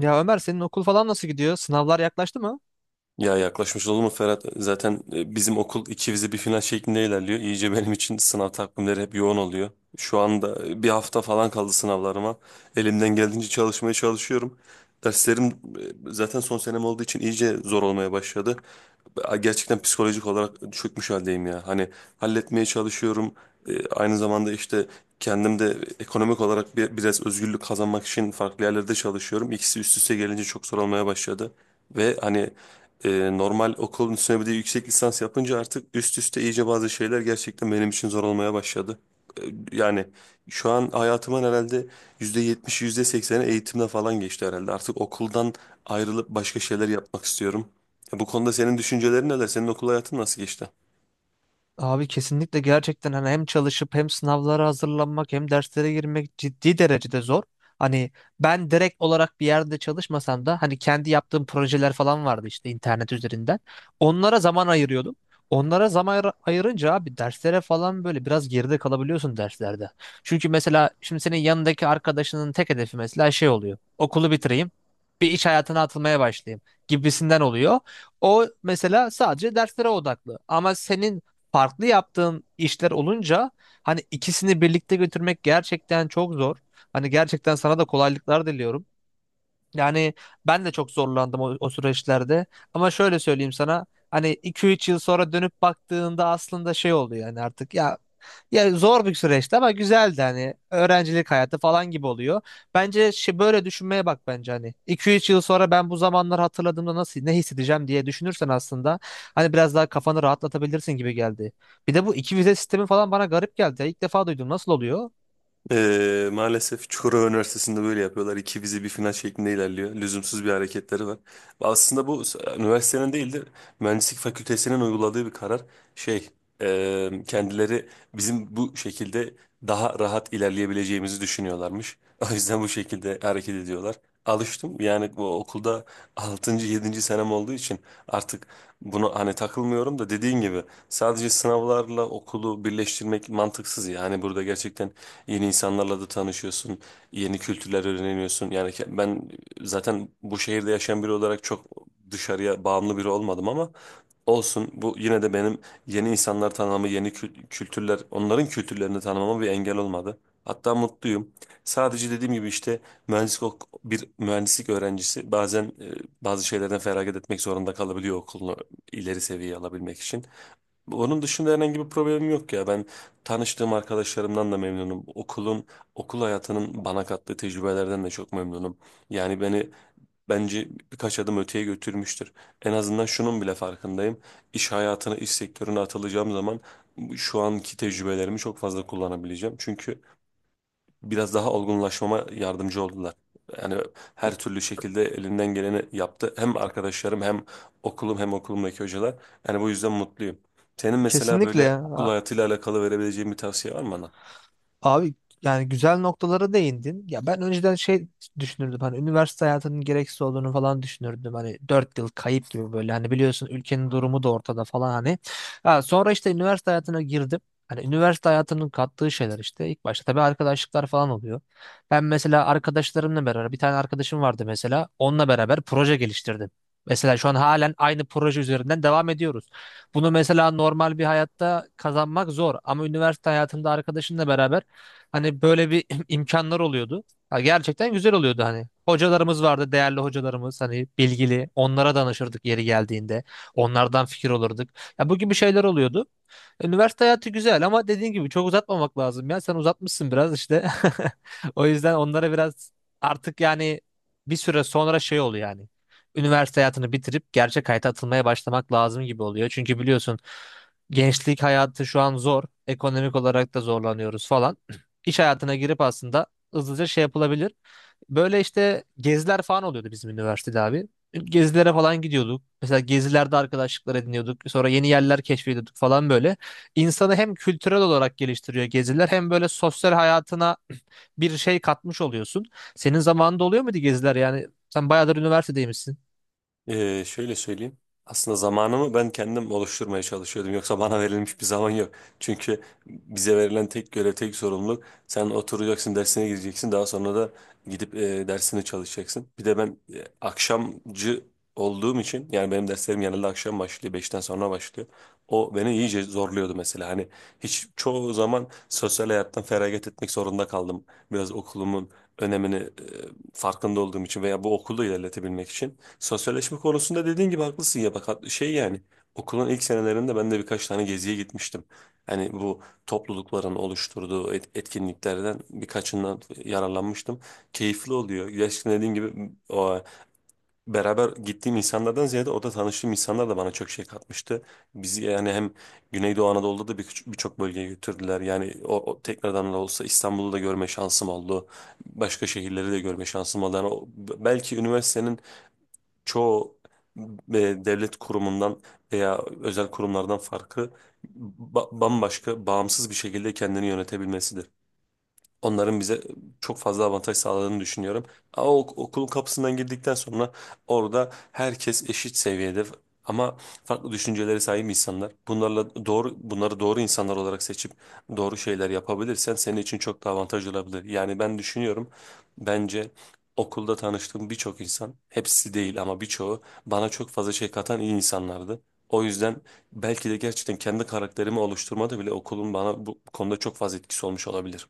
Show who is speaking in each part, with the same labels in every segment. Speaker 1: Ya Ömer senin okul falan nasıl gidiyor? Sınavlar yaklaştı mı?
Speaker 2: Ya yaklaşmış olur mu Ferhat? Zaten bizim okul iki vize bir final şeklinde ilerliyor. İyice benim için sınav takvimleri hep yoğun oluyor. Şu anda bir hafta falan kaldı sınavlarıma. Elimden geldiğince çalışmaya çalışıyorum. Derslerim zaten son senem olduğu için iyice zor olmaya başladı. Gerçekten psikolojik olarak çökmüş haldeyim ya. Hani halletmeye çalışıyorum. Aynı zamanda işte kendim de ekonomik olarak biraz özgürlük kazanmak için farklı yerlerde çalışıyorum. İkisi üst üste gelince çok zor olmaya başladı. Ve hani normal okulun üstüne bir de yüksek lisans yapınca artık üst üste iyice bazı şeyler gerçekten benim için zor olmaya başladı. E, Yani şu an hayatımın herhalde %70'i yüzde %80'i eğitimle falan geçti herhalde. Artık okuldan ayrılıp başka şeyler yapmak istiyorum. Bu konuda senin düşüncelerin neler? Senin okul hayatın nasıl geçti?
Speaker 1: Abi kesinlikle gerçekten hani hem çalışıp hem sınavlara hazırlanmak hem derslere girmek ciddi derecede zor. Hani ben direkt olarak bir yerde çalışmasam da hani kendi yaptığım projeler falan vardı işte internet üzerinden. Onlara zaman ayırıyordum. Onlara zaman ayırınca abi derslere falan böyle biraz geride kalabiliyorsun derslerde. Çünkü mesela şimdi senin yanındaki arkadaşının tek hedefi mesela şey oluyor. Okulu bitireyim, bir iş hayatına atılmaya başlayayım gibisinden oluyor. O mesela sadece derslere odaklı. Ama senin farklı yaptığın işler olunca hani ikisini birlikte götürmek gerçekten çok zor. Hani gerçekten sana da kolaylıklar diliyorum. Yani ben de çok zorlandım o süreçlerde. Ama şöyle söyleyeyim sana. Hani iki üç yıl sonra dönüp baktığında aslında şey oluyor yani artık ya, zor bir süreçti ama güzeldi hani öğrencilik hayatı falan gibi oluyor. Bence şey, böyle düşünmeye bak bence hani iki üç yıl sonra ben bu zamanlar hatırladığımda nasıl ne hissedeceğim diye düşünürsen aslında hani biraz daha kafanı rahatlatabilirsin gibi geldi. Bir de bu iki vize sistemi falan bana garip geldi. İlk defa duydum. Nasıl oluyor?
Speaker 2: Maalesef Çukurova Üniversitesi'nde böyle yapıyorlar. İki vize bir final şeklinde ilerliyor. Lüzumsuz bir hareketleri var. Aslında bu üniversitenin değil de mühendislik fakültesinin uyguladığı bir karar. Şey, kendileri bizim bu şekilde daha rahat ilerleyebileceğimizi düşünüyorlarmış. O yüzden bu şekilde hareket ediyorlar. Alıştım. Yani bu okulda altıncı yedinci senem olduğu için artık bunu hani takılmıyorum da dediğin gibi sadece sınavlarla okulu birleştirmek mantıksız ya. Hani burada gerçekten yeni insanlarla da tanışıyorsun, yeni kültürler öğreniyorsun. Yani ben zaten bu şehirde yaşayan biri olarak çok dışarıya bağımlı biri olmadım ama olsun. Bu yine de benim yeni insanlar tanımamı, yeni kültürler, onların kültürlerini tanımama bir engel olmadı. Hatta mutluyum. Sadece dediğim gibi işte mühendislik bir mühendislik öğrencisi bazen bazı şeylerden feragat etmek zorunda kalabiliyor okulunu ileri seviyeye alabilmek için. Onun dışında herhangi bir problemim yok ya. Ben tanıştığım arkadaşlarımdan da memnunum. Okulun, okul hayatının bana kattığı tecrübelerden de çok memnunum. Yani beni bence birkaç adım öteye götürmüştür. En azından şunun bile farkındayım. İş hayatına, iş sektörüne atılacağım zaman şu anki tecrübelerimi çok fazla kullanabileceğim. Çünkü biraz daha olgunlaşmama yardımcı oldular. Yani her türlü şekilde elinden geleni yaptı. Hem arkadaşlarım hem okulum hem okulumdaki hocalar. Yani bu yüzden mutluyum. Senin mesela böyle
Speaker 1: Kesinlikle.
Speaker 2: okul hayatıyla alakalı verebileceğin bir tavsiye var mı bana?
Speaker 1: Abi yani güzel noktalara değindin. Ya ben önceden şey düşünürdüm hani üniversite hayatının gereksiz olduğunu falan düşünürdüm. Hani 4 yıl kayıp gibi böyle hani biliyorsun ülkenin durumu da ortada falan hani. Ha, sonra işte üniversite hayatına girdim. Hani üniversite hayatının kattığı şeyler işte ilk başta tabii arkadaşlıklar falan oluyor. Ben mesela arkadaşlarımla beraber bir tane arkadaşım vardı mesela onunla beraber proje geliştirdim. Mesela şu an halen aynı proje üzerinden devam ediyoruz. Bunu mesela normal bir hayatta kazanmak zor ama üniversite hayatında arkadaşınla beraber hani böyle bir imkanlar oluyordu. Ha, gerçekten güzel oluyordu hani. Hocalarımız vardı, değerli hocalarımız hani bilgili. Onlara danışırdık yeri geldiğinde. Onlardan fikir olurduk. Ya bu gibi şeyler oluyordu. Üniversite hayatı güzel ama dediğin gibi çok uzatmamak lazım ya. Sen uzatmışsın biraz işte. O yüzden onlara biraz artık yani bir süre sonra şey oluyor yani. Üniversite hayatını bitirip gerçek hayata atılmaya başlamak lazım gibi oluyor. Çünkü biliyorsun gençlik hayatı şu an zor. Ekonomik olarak da zorlanıyoruz falan. İş hayatına girip aslında hızlıca şey yapılabilir. Böyle işte geziler falan oluyordu bizim üniversitede abi. Gezilere falan gidiyorduk. Mesela gezilerde arkadaşlıklar ediniyorduk. Sonra yeni yerler keşfediyorduk falan böyle insanı hem kültürel olarak geliştiriyor geziler hem böyle sosyal hayatına bir şey katmış oluyorsun. Senin zamanında oluyor muydu geziler? Yani sen bayağıdır üniversitedeymişsin.
Speaker 2: Şöyle söyleyeyim. Aslında zamanımı ben kendim oluşturmaya çalışıyordum. Yoksa bana verilmiş bir zaman yok. Çünkü bize verilen tek görev, tek sorumluluk sen oturacaksın, dersine gireceksin. Daha sonra da gidip dersini çalışacaksın. Bir de ben akşamcı olduğum için yani benim derslerim genelde akşam başlıyor, beşten sonra başlıyor. O beni iyice zorluyordu mesela. Hani hiç çoğu zaman sosyal hayattan feragat etmek zorunda kaldım. Biraz okulumun önemini farkında olduğum için veya bu okulu ilerletebilmek için. Sosyalleşme konusunda dediğin gibi haklısın ya bak yani okulun ilk senelerinde ben de birkaç tane geziye gitmiştim. Hani bu toplulukların oluşturduğu etkinliklerden birkaçından yararlanmıştım. Keyifli oluyor. Gerçekten dediğim gibi o beraber gittiğim insanlardan ziyade orada tanıştığım insanlar da bana çok şey katmıştı. Bizi yani hem Güneydoğu Anadolu'da da birçok bölgeye götürdüler. Yani o tekrardan da olsa İstanbul'u da görme şansım oldu. Başka şehirleri de görme şansım oldu. Yani o- belki üniversitenin çoğu e, devlet kurumundan veya özel kurumlardan farkı bambaşka, bağımsız bir şekilde kendini yönetebilmesidir. Onların bize çok fazla avantaj sağladığını düşünüyorum. Ama okulun kapısından girdikten sonra orada herkes eşit seviyede ama farklı düşüncelere sahip insanlar. Bunlarla doğru bunları doğru insanlar olarak seçip doğru şeyler yapabilirsen senin için çok daha avantaj olabilir. Yani ben düşünüyorum bence okulda tanıştığım birçok insan hepsi değil ama birçoğu bana çok fazla şey katan iyi insanlardı. O yüzden belki de gerçekten kendi karakterimi oluşturmada bile okulun bana bu konuda çok fazla etkisi olmuş olabilir.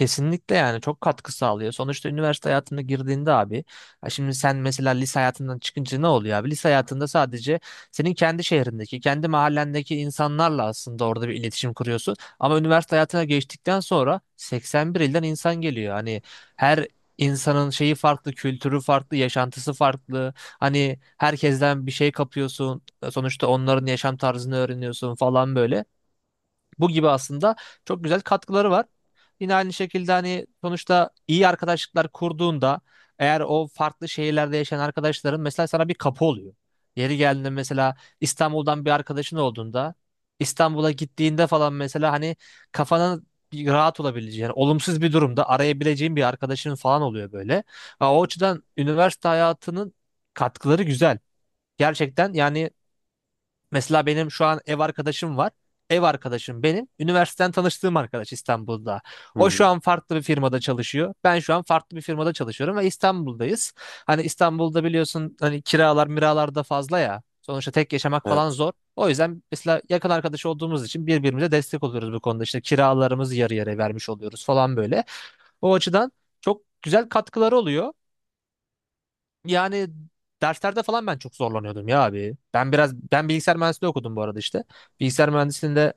Speaker 1: Kesinlikle yani çok katkı sağlıyor. Sonuçta üniversite hayatına girdiğinde abi, ha şimdi sen mesela lise hayatından çıkınca ne oluyor abi? Lise hayatında sadece senin kendi şehrindeki, kendi mahallendeki insanlarla aslında orada bir iletişim kuruyorsun. Ama üniversite hayatına geçtikten sonra 81 ilden insan geliyor. Hani her insanın şeyi farklı, kültürü farklı, yaşantısı farklı. Hani herkesten bir şey kapıyorsun. Sonuçta onların yaşam tarzını öğreniyorsun falan böyle. Bu gibi aslında çok güzel katkıları var. Yine aynı şekilde hani sonuçta iyi arkadaşlıklar kurduğunda eğer o farklı şehirlerde yaşayan arkadaşların mesela sana bir kapı oluyor. Yeri geldiğinde mesela İstanbul'dan bir arkadaşın olduğunda İstanbul'a gittiğinde falan mesela hani kafanın bir rahat olabileceği yani olumsuz bir durumda arayabileceğin bir arkadaşın falan oluyor böyle. Ha, o açıdan üniversite hayatının katkıları güzel. Gerçekten yani mesela benim şu an ev arkadaşım var. Ev arkadaşım benim üniversiteden tanıştığım arkadaş İstanbul'da.
Speaker 2: Hı
Speaker 1: O
Speaker 2: hı.
Speaker 1: şu an farklı bir firmada çalışıyor. Ben şu an farklı bir firmada çalışıyorum ve İstanbul'dayız. Hani İstanbul'da biliyorsun hani kiralar miralar da fazla ya. Sonuçta tek yaşamak falan
Speaker 2: Evet.
Speaker 1: zor. O yüzden mesela yakın arkadaş olduğumuz için birbirimize destek oluyoruz bu konuda. İşte kiralarımızı yarı yarıya vermiş oluyoruz falan böyle. O açıdan çok güzel katkıları oluyor. Yani derslerde falan ben çok zorlanıyordum ya abi. Ben biraz bilgisayar mühendisliği okudum bu arada işte. Bilgisayar mühendisliğinde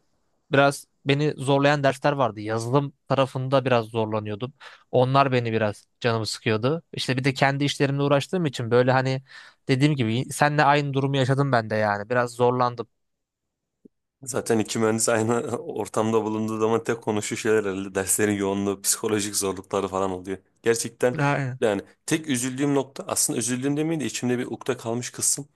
Speaker 1: biraz beni zorlayan dersler vardı. Yazılım tarafında biraz zorlanıyordum. Onlar beni biraz canımı sıkıyordu. İşte bir de kendi işlerimle uğraştığım için böyle hani dediğim gibi senle aynı durumu yaşadım ben de yani. Biraz zorlandım.
Speaker 2: Zaten iki mühendis aynı ortamda bulunduğu zaman tek konuşu şeyler herhalde derslerin yoğunluğu, psikolojik zorlukları falan oluyor. Gerçekten
Speaker 1: Aynen.
Speaker 2: yani tek üzüldüğüm nokta aslında üzüldüğüm demeyeyim de içimde bir ukde kalmış kısım.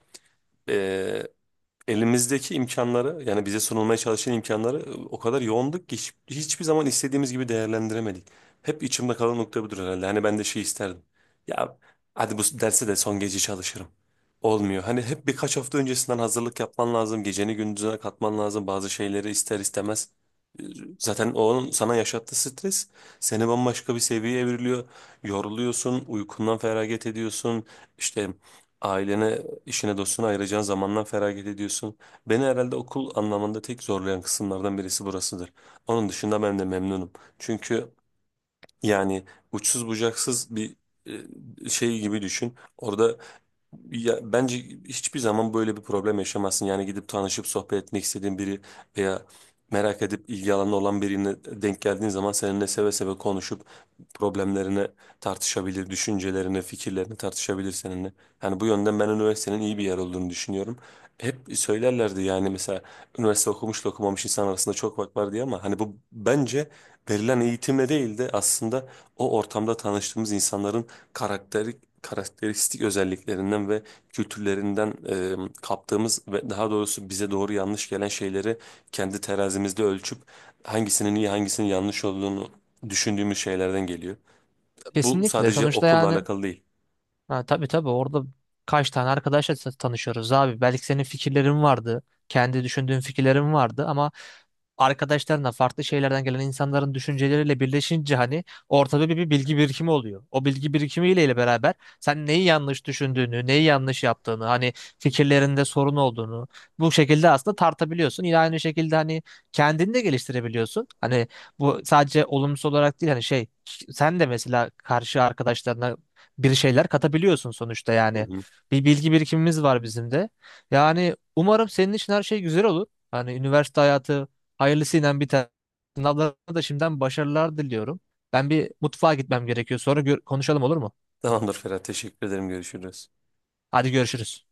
Speaker 2: Elimizdeki imkanları yani bize sunulmaya çalışan imkanları o kadar yoğunduk ki hiçbir zaman istediğimiz gibi değerlendiremedik. Hep içimde kalan nokta budur herhalde. Hani ben de şey isterdim. Ya hadi bu derse de son gece çalışırım. Olmuyor. Hani hep birkaç hafta öncesinden hazırlık yapman lazım. Geceni gündüzüne katman lazım. Bazı şeyleri ister istemez. E, Zaten onun sana yaşattığı stres seni bambaşka bir seviyeye evriliyor. Yoruluyorsun, uykundan feragat ediyorsun. İşte ailene, İşine dostuna ayıracağın zamandan feragat ediyorsun. Beni herhalde okul anlamında tek zorlayan kısımlardan birisi burasıdır. Onun dışında ben de memnunum. Çünkü yani uçsuz bucaksız bir şey gibi düşün. Orada ya bence hiçbir zaman böyle bir problem yaşamazsın. Yani gidip tanışıp sohbet etmek istediğin biri veya merak edip ilgi alanı olan birine denk geldiğin zaman seninle seve seve konuşup problemlerini tartışabilir, düşüncelerini, fikirlerini tartışabilir seninle. Yani bu yönden ben üniversitenin iyi bir yer olduğunu düşünüyorum. Hep söylerlerdi yani mesela üniversite okumuşla okumamış insan arasında çok fark var diye ama hani bu bence verilen eğitimle değil de aslında o ortamda tanıştığımız insanların karakteri karakteristik özelliklerinden ve kültürlerinden kaptığımız ve daha doğrusu bize doğru yanlış gelen şeyleri kendi terazimizde ölçüp hangisinin iyi hangisinin yanlış olduğunu düşündüğümüz şeylerden geliyor. Bu
Speaker 1: Kesinlikle.
Speaker 2: sadece
Speaker 1: Sonuçta
Speaker 2: okulla
Speaker 1: yani
Speaker 2: alakalı değil.
Speaker 1: ha, tabii tabii orada kaç tane arkadaşla tanışıyoruz abi. Belki senin fikirlerin vardı. Kendi düşündüğün fikirlerin vardı ama arkadaşlarına farklı şeylerden gelen insanların düşünceleriyle birleşince hani ortada bir bilgi birikimi oluyor. O bilgi birikimiyle ile beraber sen neyi yanlış düşündüğünü, neyi yanlış yaptığını, hani fikirlerinde sorun olduğunu bu şekilde aslında tartabiliyorsun. Yine aynı şekilde hani kendini de geliştirebiliyorsun. Hani bu sadece olumsuz olarak değil hani şey sen de mesela karşı arkadaşlarına bir şeyler katabiliyorsun sonuçta
Speaker 2: Hı
Speaker 1: yani.
Speaker 2: hı.
Speaker 1: Bir bilgi birikimimiz var bizim de. Yani umarım senin için her şey güzel olur. Hani üniversite hayatı hayırlısıyla bir tane. Sınavlarına da şimdiden başarılar diliyorum. Ben bir mutfağa gitmem gerekiyor. Sonra konuşalım olur mu?
Speaker 2: Tamamdır Ferhat, teşekkür ederim. Görüşürüz.
Speaker 1: Hadi görüşürüz.